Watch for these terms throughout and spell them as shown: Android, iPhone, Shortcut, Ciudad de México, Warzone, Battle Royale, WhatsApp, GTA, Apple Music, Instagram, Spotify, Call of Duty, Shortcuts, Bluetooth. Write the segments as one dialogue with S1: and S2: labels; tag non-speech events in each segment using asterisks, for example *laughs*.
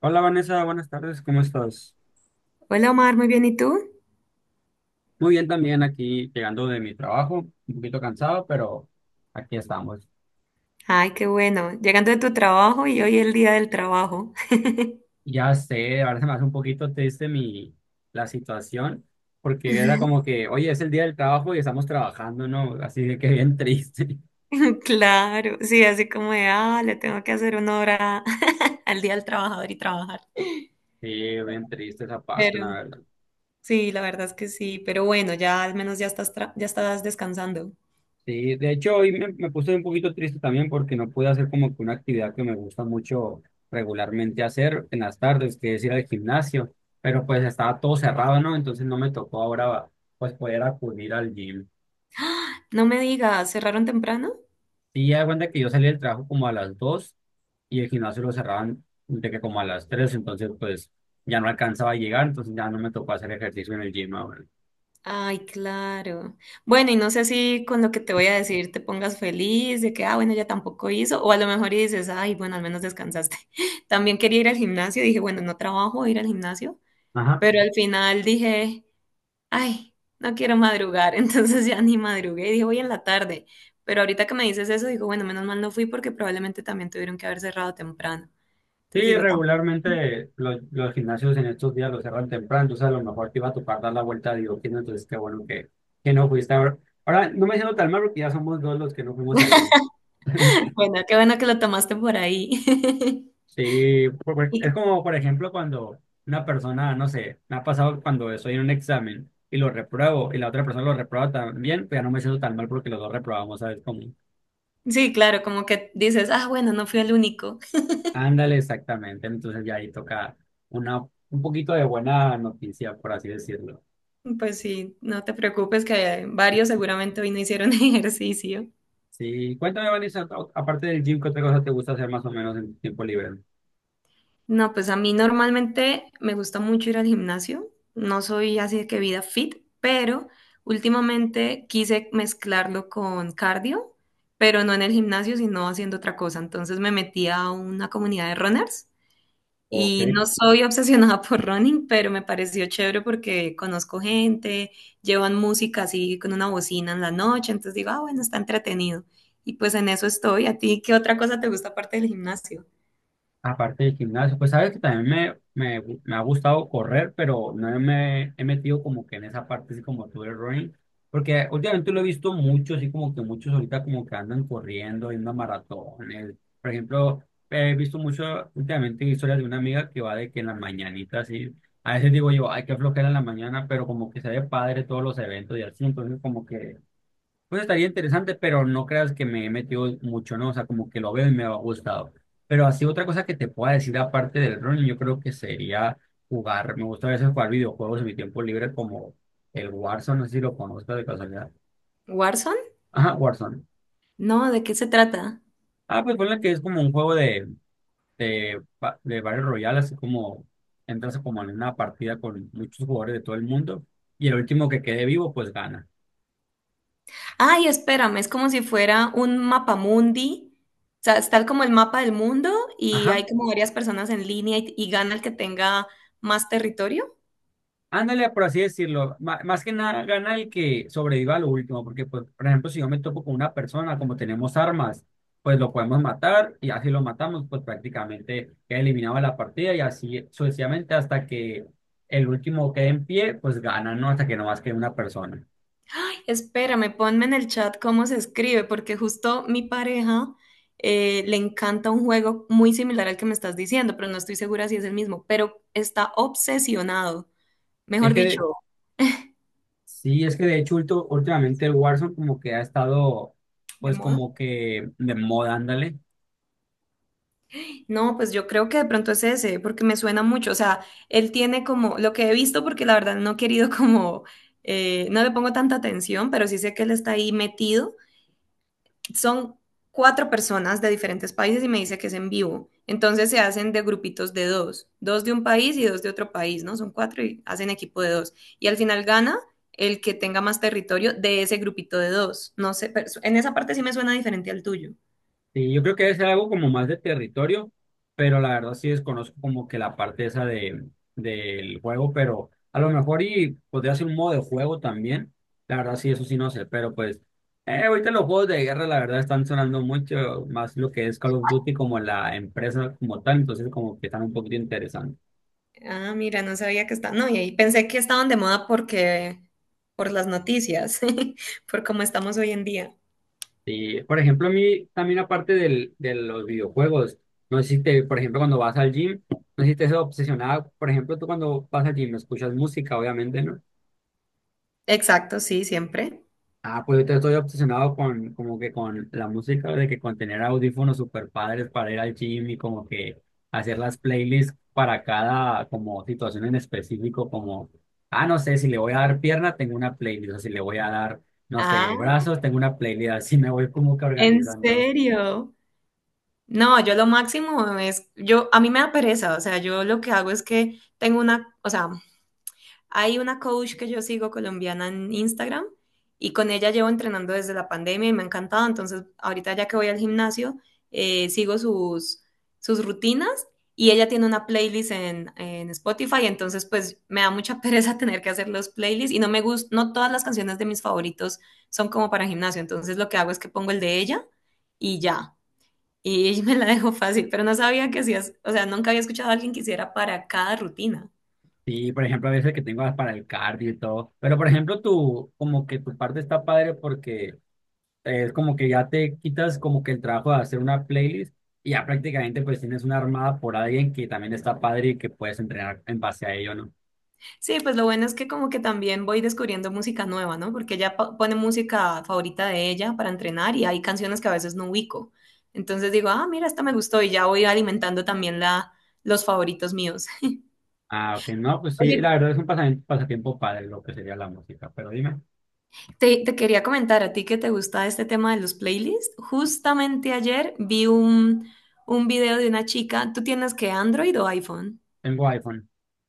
S1: Hola Vanessa, buenas tardes, ¿cómo estás?
S2: Hola Omar, muy bien, ¿y tú?
S1: Muy bien también aquí llegando de mi trabajo, un poquito cansado, pero aquí estamos.
S2: Ay, qué bueno. Llegando de tu trabajo y hoy el día del trabajo.
S1: Ya sé, ahora se me hace un poquito triste la situación, porque era como que, oye, es el día del trabajo y estamos trabajando, ¿no? Así de que bien triste. *laughs*
S2: *laughs* Claro, sí, así como de, ah, le tengo que hacer una hora *laughs* al día del trabajador y trabajar.
S1: Sí, bien triste esa parte,
S2: Pero
S1: la verdad.
S2: sí, la verdad es que sí, pero bueno, ya al menos ya estás, ya estás descansando.
S1: Sí, de hecho hoy me puse un poquito triste también porque no pude hacer como que una actividad que me gusta mucho regularmente hacer en las tardes, que es ir al gimnasio, pero pues estaba todo cerrado, ¿no? Entonces no me tocó ahora pues poder acudir al gym.
S2: *gasps* No me digas, ¿cerraron temprano?
S1: Sí, ya de cuenta que yo salí del trabajo como a las 2 y el gimnasio lo cerraban de que como a las 3, entonces pues ya no alcanzaba a llegar, entonces ya no me tocó hacer ejercicio en el gym ahora.
S2: Ay, claro. Bueno, y no sé si con lo que te voy a decir te pongas feliz de que, ah, bueno, ya tampoco hizo, o a lo mejor y dices, ay, bueno, al menos descansaste. *laughs* También quería ir al gimnasio, dije, bueno, no trabajo, voy a ir al gimnasio,
S1: Ajá.
S2: pero al final dije, ay, no quiero madrugar, *laughs* entonces ya ni madrugué, dije, voy en la tarde. Pero ahorita que me dices eso, digo, bueno, menos mal no fui porque probablemente también tuvieron que haber cerrado temprano. Entonces
S1: Sí,
S2: digo, "Tam-
S1: regularmente los gimnasios en estos días los cerran temprano, entonces a lo mejor te iba a topar dar la vuelta a Diógenes, entonces qué bueno que no fuiste ahora. Ahora no me siento tan mal porque ya somos dos los que no fuimos al club. *laughs*
S2: *laughs* bueno, qué bueno que lo tomaste por ahí.
S1: Sí,
S2: *laughs* Y
S1: es como por ejemplo cuando una persona, no sé, me ha pasado cuando estoy en un examen y lo repruebo y la otra persona lo reprueba también, pues ya no me siento tan mal porque los dos reprobamos, ¿sabes?
S2: sí, claro, como que dices, ah, bueno, no fui el único.
S1: Ándale, exactamente, entonces ya ahí toca una, un poquito de buena noticia, por así decirlo.
S2: Pues sí, no te preocupes que varios seguramente hoy no hicieron *laughs* ejercicio.
S1: Sí, cuéntame, Vanessa, aparte del gym, ¿qué otra cosa te gusta hacer más o menos en tu tiempo libre?
S2: No, pues a mí normalmente me gusta mucho ir al gimnasio. No soy así de que vida fit, pero últimamente quise mezclarlo con cardio, pero no en el gimnasio, sino haciendo otra cosa. Entonces me metí a una comunidad de runners.
S1: Ok.
S2: Y no soy obsesionada por running, pero me pareció chévere porque conozco gente, llevan música así con una bocina en la noche, entonces digo, ah, bueno, está entretenido. Y pues en eso estoy. ¿A ti qué otra cosa te gusta aparte del gimnasio?
S1: Aparte del gimnasio, pues sabes que también me ha gustado correr, pero no me he metido como que en esa parte así como tú el running, porque últimamente lo he visto mucho, así como que muchos ahorita como que andan corriendo, yendo a maratones. Por ejemplo, he visto mucho últimamente historias de una amiga que va de que en las mañanitas, así, a veces digo yo, ay, qué flojera en la mañana, pero como que se ve padre todos los eventos y así, entonces como que pues estaría interesante, pero no creas que me he metido mucho, ¿no? O sea, como que lo veo y me ha gustado. Pero así otra cosa que te pueda decir aparte del running, yo creo que sería jugar. Me gusta a veces jugar videojuegos en mi tiempo libre como el Warzone, no sé si lo conozco de casualidad.
S2: ¿Warzone?
S1: Ajá, Warzone.
S2: No, ¿de qué se trata?
S1: Ah, pues ponle que es como un juego de Battle Royale, así como entras como en una partida con muchos jugadores de todo el mundo y el último que quede vivo, pues gana.
S2: Ay, espérame, es como si fuera un mapamundi. O sea, está como el mapa del mundo y
S1: Ajá.
S2: hay como varias personas en línea y gana el que tenga más territorio.
S1: Ándale, por así decirlo. Más que nada gana el que sobreviva a lo último, porque, pues, por ejemplo, si yo me topo con una persona, como tenemos armas, pues lo podemos matar y así lo matamos, pues prácticamente queda eliminado de la partida y así sucesivamente hasta que el último quede en pie, pues gana, ¿no? Hasta que no más quede una persona.
S2: Espérame, ponme en el chat cómo se escribe, porque justo mi pareja le encanta un juego muy similar al que me estás diciendo, pero no estoy segura si es el mismo, pero está obsesionado,
S1: Es
S2: mejor
S1: que,
S2: dicho,
S1: sí, es que de hecho últimamente el Warzone como que ha estado,
S2: ¿de
S1: pues
S2: moda?
S1: como que de moda, ándale.
S2: No, pues yo creo que de pronto es ese, porque me suena mucho, o sea, él tiene como lo que he visto, porque la verdad no he querido *laughs* como, no le pongo tanta atención, pero sí sé que él está ahí metido. Son cuatro personas de diferentes países y me dice que es en vivo. Entonces se hacen de grupitos de dos, dos de un país y dos de otro país, ¿no? Son cuatro y hacen equipo de dos. Y al final gana el que tenga más territorio de ese grupito de dos. No sé, pero en esa parte sí me suena diferente al tuyo.
S1: Sí, yo creo que debe ser algo como más de territorio, pero la verdad sí desconozco como que la parte esa del juego, pero a lo mejor y podría ser un modo de juego también. La verdad sí, eso sí no sé, pero pues ahorita los juegos de guerra la verdad están sonando mucho más lo que es Call of Duty como la empresa como tal, entonces como que están un poquito interesantes.
S2: Ah, mira, no sabía que está. No, y ahí pensé que estaban de moda porque por las noticias, *laughs* por cómo estamos hoy en día.
S1: Y por ejemplo, a mí también aparte de los videojuegos, no sé si te, por ejemplo, cuando vas al gym, no sé si te obsesionada, por ejemplo, tú cuando vas al gym escuchas música, obviamente, ¿no?
S2: Exacto, sí, siempre.
S1: Ah, pues ahorita estoy obsesionado con, como que con la música, de que con tener audífonos super padres para ir al gym y como que hacer las playlists para cada como situación en específico, como, ah, no sé, si le voy a dar pierna, tengo una playlist, o si le voy a dar, no
S2: Ah,
S1: sé, brazos, tengo una playlist, así me voy como que
S2: ¿en
S1: organizando.
S2: serio? No, yo lo máximo es, yo, a mí me da pereza, o sea, yo lo que hago es que tengo una, o sea, hay una coach que yo sigo colombiana en Instagram y con ella llevo entrenando desde la pandemia y me ha encantado, entonces ahorita ya que voy al gimnasio, sigo sus, sus rutinas y ella tiene una playlist en Spotify, entonces pues me da mucha pereza *laughs* tener que hacer los playlists y no me gusta, no todas las canciones de mis favoritos son como para gimnasio, entonces lo que hago es que pongo el de ella y ya. Y *laughs* me la dejó fácil, pero no sabía que hacías, o sea, nunca había escuchado a alguien que hiciera para cada rutina.
S1: Sí, por ejemplo, a veces que tengo para el cardio y todo, pero por ejemplo, tú, como que tu parte está padre porque... Es como que ya te quitas como que el trabajo de hacer una playlist y ya prácticamente pues tienes una armada por alguien que también está padre y que puedes entrenar en base a ello, ¿no?
S2: Sí, pues lo bueno es que como que también voy descubriendo música nueva, ¿no? Porque ella pone música favorita de ella para entrenar y hay canciones que a veces no ubico. Entonces digo, ah, mira, esta me gustó y ya voy alimentando también la, los favoritos míos.
S1: Ah, ok, no, pues
S2: *laughs*
S1: sí, la
S2: Oye,
S1: verdad es un pasatiempo padre lo que sería la música, pero dime,
S2: te quería comentar a ti que te gusta este tema de los playlists. Justamente ayer vi un video de una chica. ¿Tú tienes que Android o iPhone?
S1: tengo iPhone.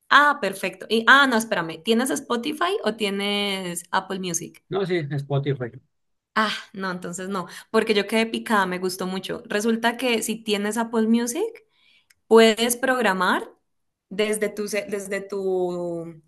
S2: Ah, perfecto. Y, ah, no, espérame. ¿Tienes Spotify o tienes Apple Music?
S1: No, sí, Spotify.
S2: Ah, no, entonces no, porque yo quedé picada, me gustó mucho. Resulta que si tienes Apple Music, puedes programar desde tu, desde tu,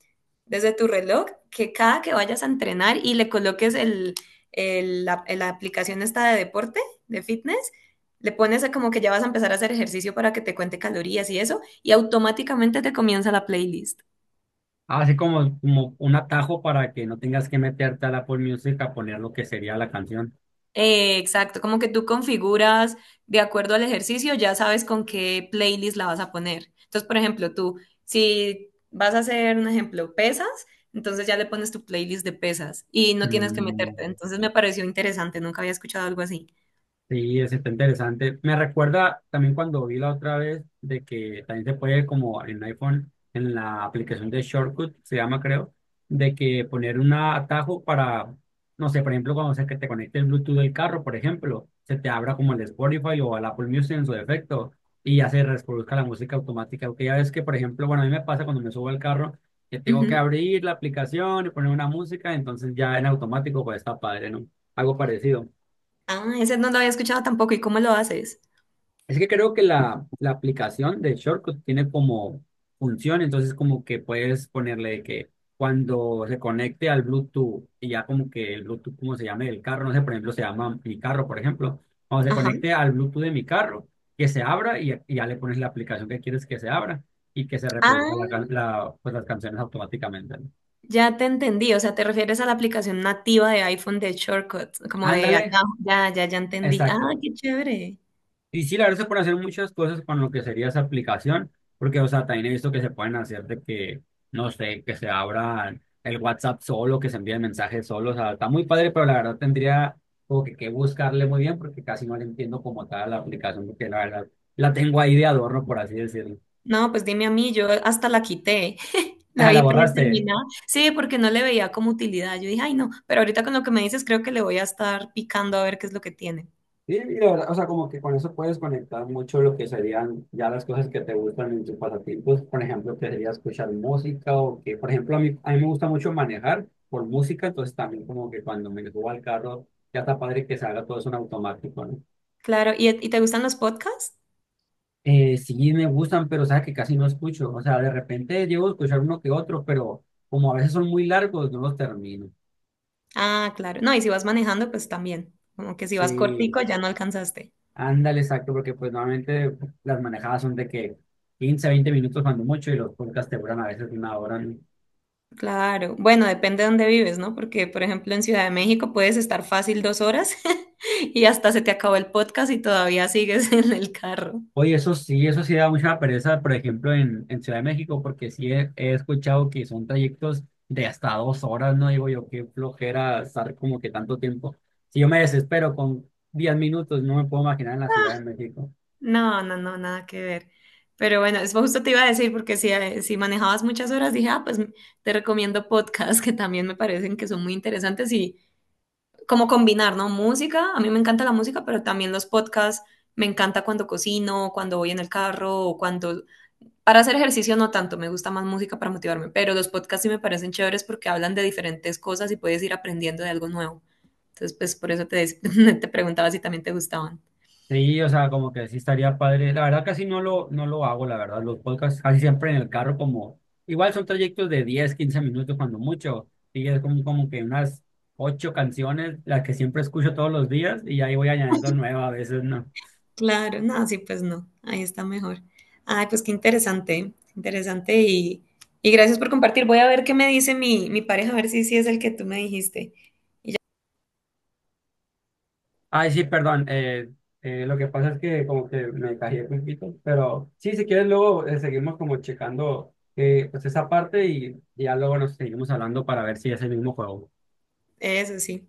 S2: desde tu reloj que cada que vayas a entrenar y le coloques la aplicación esta de deporte, de fitness, le pones a como que ya vas a empezar a hacer ejercicio para que te cuente calorías y eso, y automáticamente te comienza la playlist.
S1: Así como, como un atajo para que no tengas que meterte al Apple Music a poner lo que sería la canción.
S2: Exacto, como que tú configuras de acuerdo al ejercicio, ya sabes con qué playlist la vas a poner. Entonces, por ejemplo, tú, si vas a hacer un ejemplo, pesas, entonces ya le pones tu playlist de pesas y no tienes que
S1: Mm,
S2: meterte. Entonces me pareció interesante, nunca había escuchado algo así.
S1: Sí, es está interesante. Me recuerda también cuando vi la otra vez de que también se puede como en iPhone, en la aplicación de Shortcut, se llama creo, de que poner un atajo para, no sé, por ejemplo, cuando se que te conecte el Bluetooth del carro, por ejemplo, se te abra como el Spotify o el Apple Music en su defecto y ya se reproduzca la música automática. Porque ya ves que, por ejemplo, bueno, a mí me pasa cuando me subo al carro que tengo que
S2: Ujú.
S1: abrir la aplicación y poner una música, entonces ya en automático pues está padre, ¿no? Algo parecido.
S2: Ah, ese no lo había escuchado tampoco. ¿Y cómo lo haces?
S1: Es que creo que la aplicación de Shortcut tiene como función, entonces como que puedes ponerle de que cuando se conecte al Bluetooth y ya como que el Bluetooth, como se llame el carro, no sé, por ejemplo, se llama mi carro, por ejemplo, cuando se
S2: Ajá.
S1: conecte al Bluetooth de mi carro, que se abra y ya le pones la aplicación que quieres que se abra y que se reproduzca
S2: Ah,
S1: pues las canciones automáticamente, ¿no?
S2: ya te entendí. O sea, te refieres a la aplicación nativa de iPhone de Shortcuts, como de
S1: Ándale,
S2: atajo. Ya, ya, ya entendí. Ah,
S1: exacto.
S2: qué chévere.
S1: Y sí, la verdad se pueden hacer muchas cosas con lo que sería esa aplicación, porque, o sea, también he visto que se pueden hacer de que, no sé, que se abra el WhatsApp solo, que se envíen mensajes solo, o sea, está muy padre, pero la verdad tendría como que buscarle muy bien, porque casi no le entiendo como tal la aplicación, porque la verdad la tengo ahí de adorno, por así decirlo. *laughs*
S2: No, pues dime a mí, yo hasta la quité. La
S1: Ah,
S2: vi
S1: la borraste.
S2: predeterminada. Sí, porque no le veía como utilidad. Yo dije, ay, no, pero ahorita con lo que me dices, creo que le voy a estar picando a ver qué es lo que tiene.
S1: Sí, y la verdad, o sea, como que con eso puedes conectar mucho lo que serían ya las cosas que te gustan en tus pasatiempos, por ejemplo, que sería escuchar música o que, por ejemplo, a mí me gusta mucho manejar por música, entonces también como que cuando me subo al carro, ya está padre que se haga todo eso en automático, ¿no?
S2: Claro, y te gustan los podcasts?
S1: Sí me gustan, pero sabes que casi no escucho, o sea, de repente llego a escuchar uno que otro, pero como a veces son muy largos, no los termino.
S2: Ah, claro. No, y si vas manejando, pues también. Como que si vas
S1: Sí,
S2: cortico, ya no alcanzaste.
S1: ándale, exacto, porque pues normalmente las manejadas son de que 15, 20 minutos cuando mucho y los podcasts te duran a veces una hora, ¿no?
S2: Claro. Bueno, depende de dónde vives, ¿no? Porque, por ejemplo, en Ciudad de México puedes estar fácil 2 horas *laughs* y hasta se te acabó el podcast y todavía sigues *laughs* en el carro.
S1: Oye, eso sí da mucha pereza, por ejemplo, en Ciudad de México, porque sí he escuchado que son trayectos de hasta 2 horas, ¿no? Digo yo, qué flojera estar como que tanto tiempo. Si yo me desespero con 10 minutos, no me puedo imaginar en la Ciudad de México.
S2: No, no, no, nada que ver. Pero bueno, eso justo te iba a decir, porque si, si manejabas muchas horas, dije, ah, pues te recomiendo podcasts *laughs* que también me parecen que son muy interesantes y como combinar, ¿no? Música, a mí me encanta la música, pero también los podcasts, me encanta cuando cocino, cuando voy en el carro o cuando... Para hacer ejercicio no tanto, me gusta más música para motivarme, pero los podcasts sí me parecen chéveres porque hablan de diferentes cosas y puedes ir aprendiendo de algo nuevo. Entonces, pues por eso te, *laughs* te preguntaba si también te gustaban.
S1: Sí, o sea, como que sí estaría padre. La verdad casi no lo hago, la verdad. Los podcasts casi siempre en el carro como... Igual son trayectos de 10, 15 minutos cuando mucho. Y es como, como que unas ocho canciones, las que siempre escucho todos los días y ahí voy añadiendo nuevas a veces, ¿no?
S2: Claro, no, sí, pues no, ahí está mejor. Ay, pues qué interesante, interesante y gracias por compartir. Voy a ver qué me dice mi, mi pareja, a ver si sí es el que tú me dijiste.
S1: Ay, sí, perdón. Lo que pasa es que como que me callé un poquito. Pero sí, si quieres luego seguimos como checando pues esa parte y ya luego nos seguimos hablando para ver si es el mismo juego.
S2: Eso sí.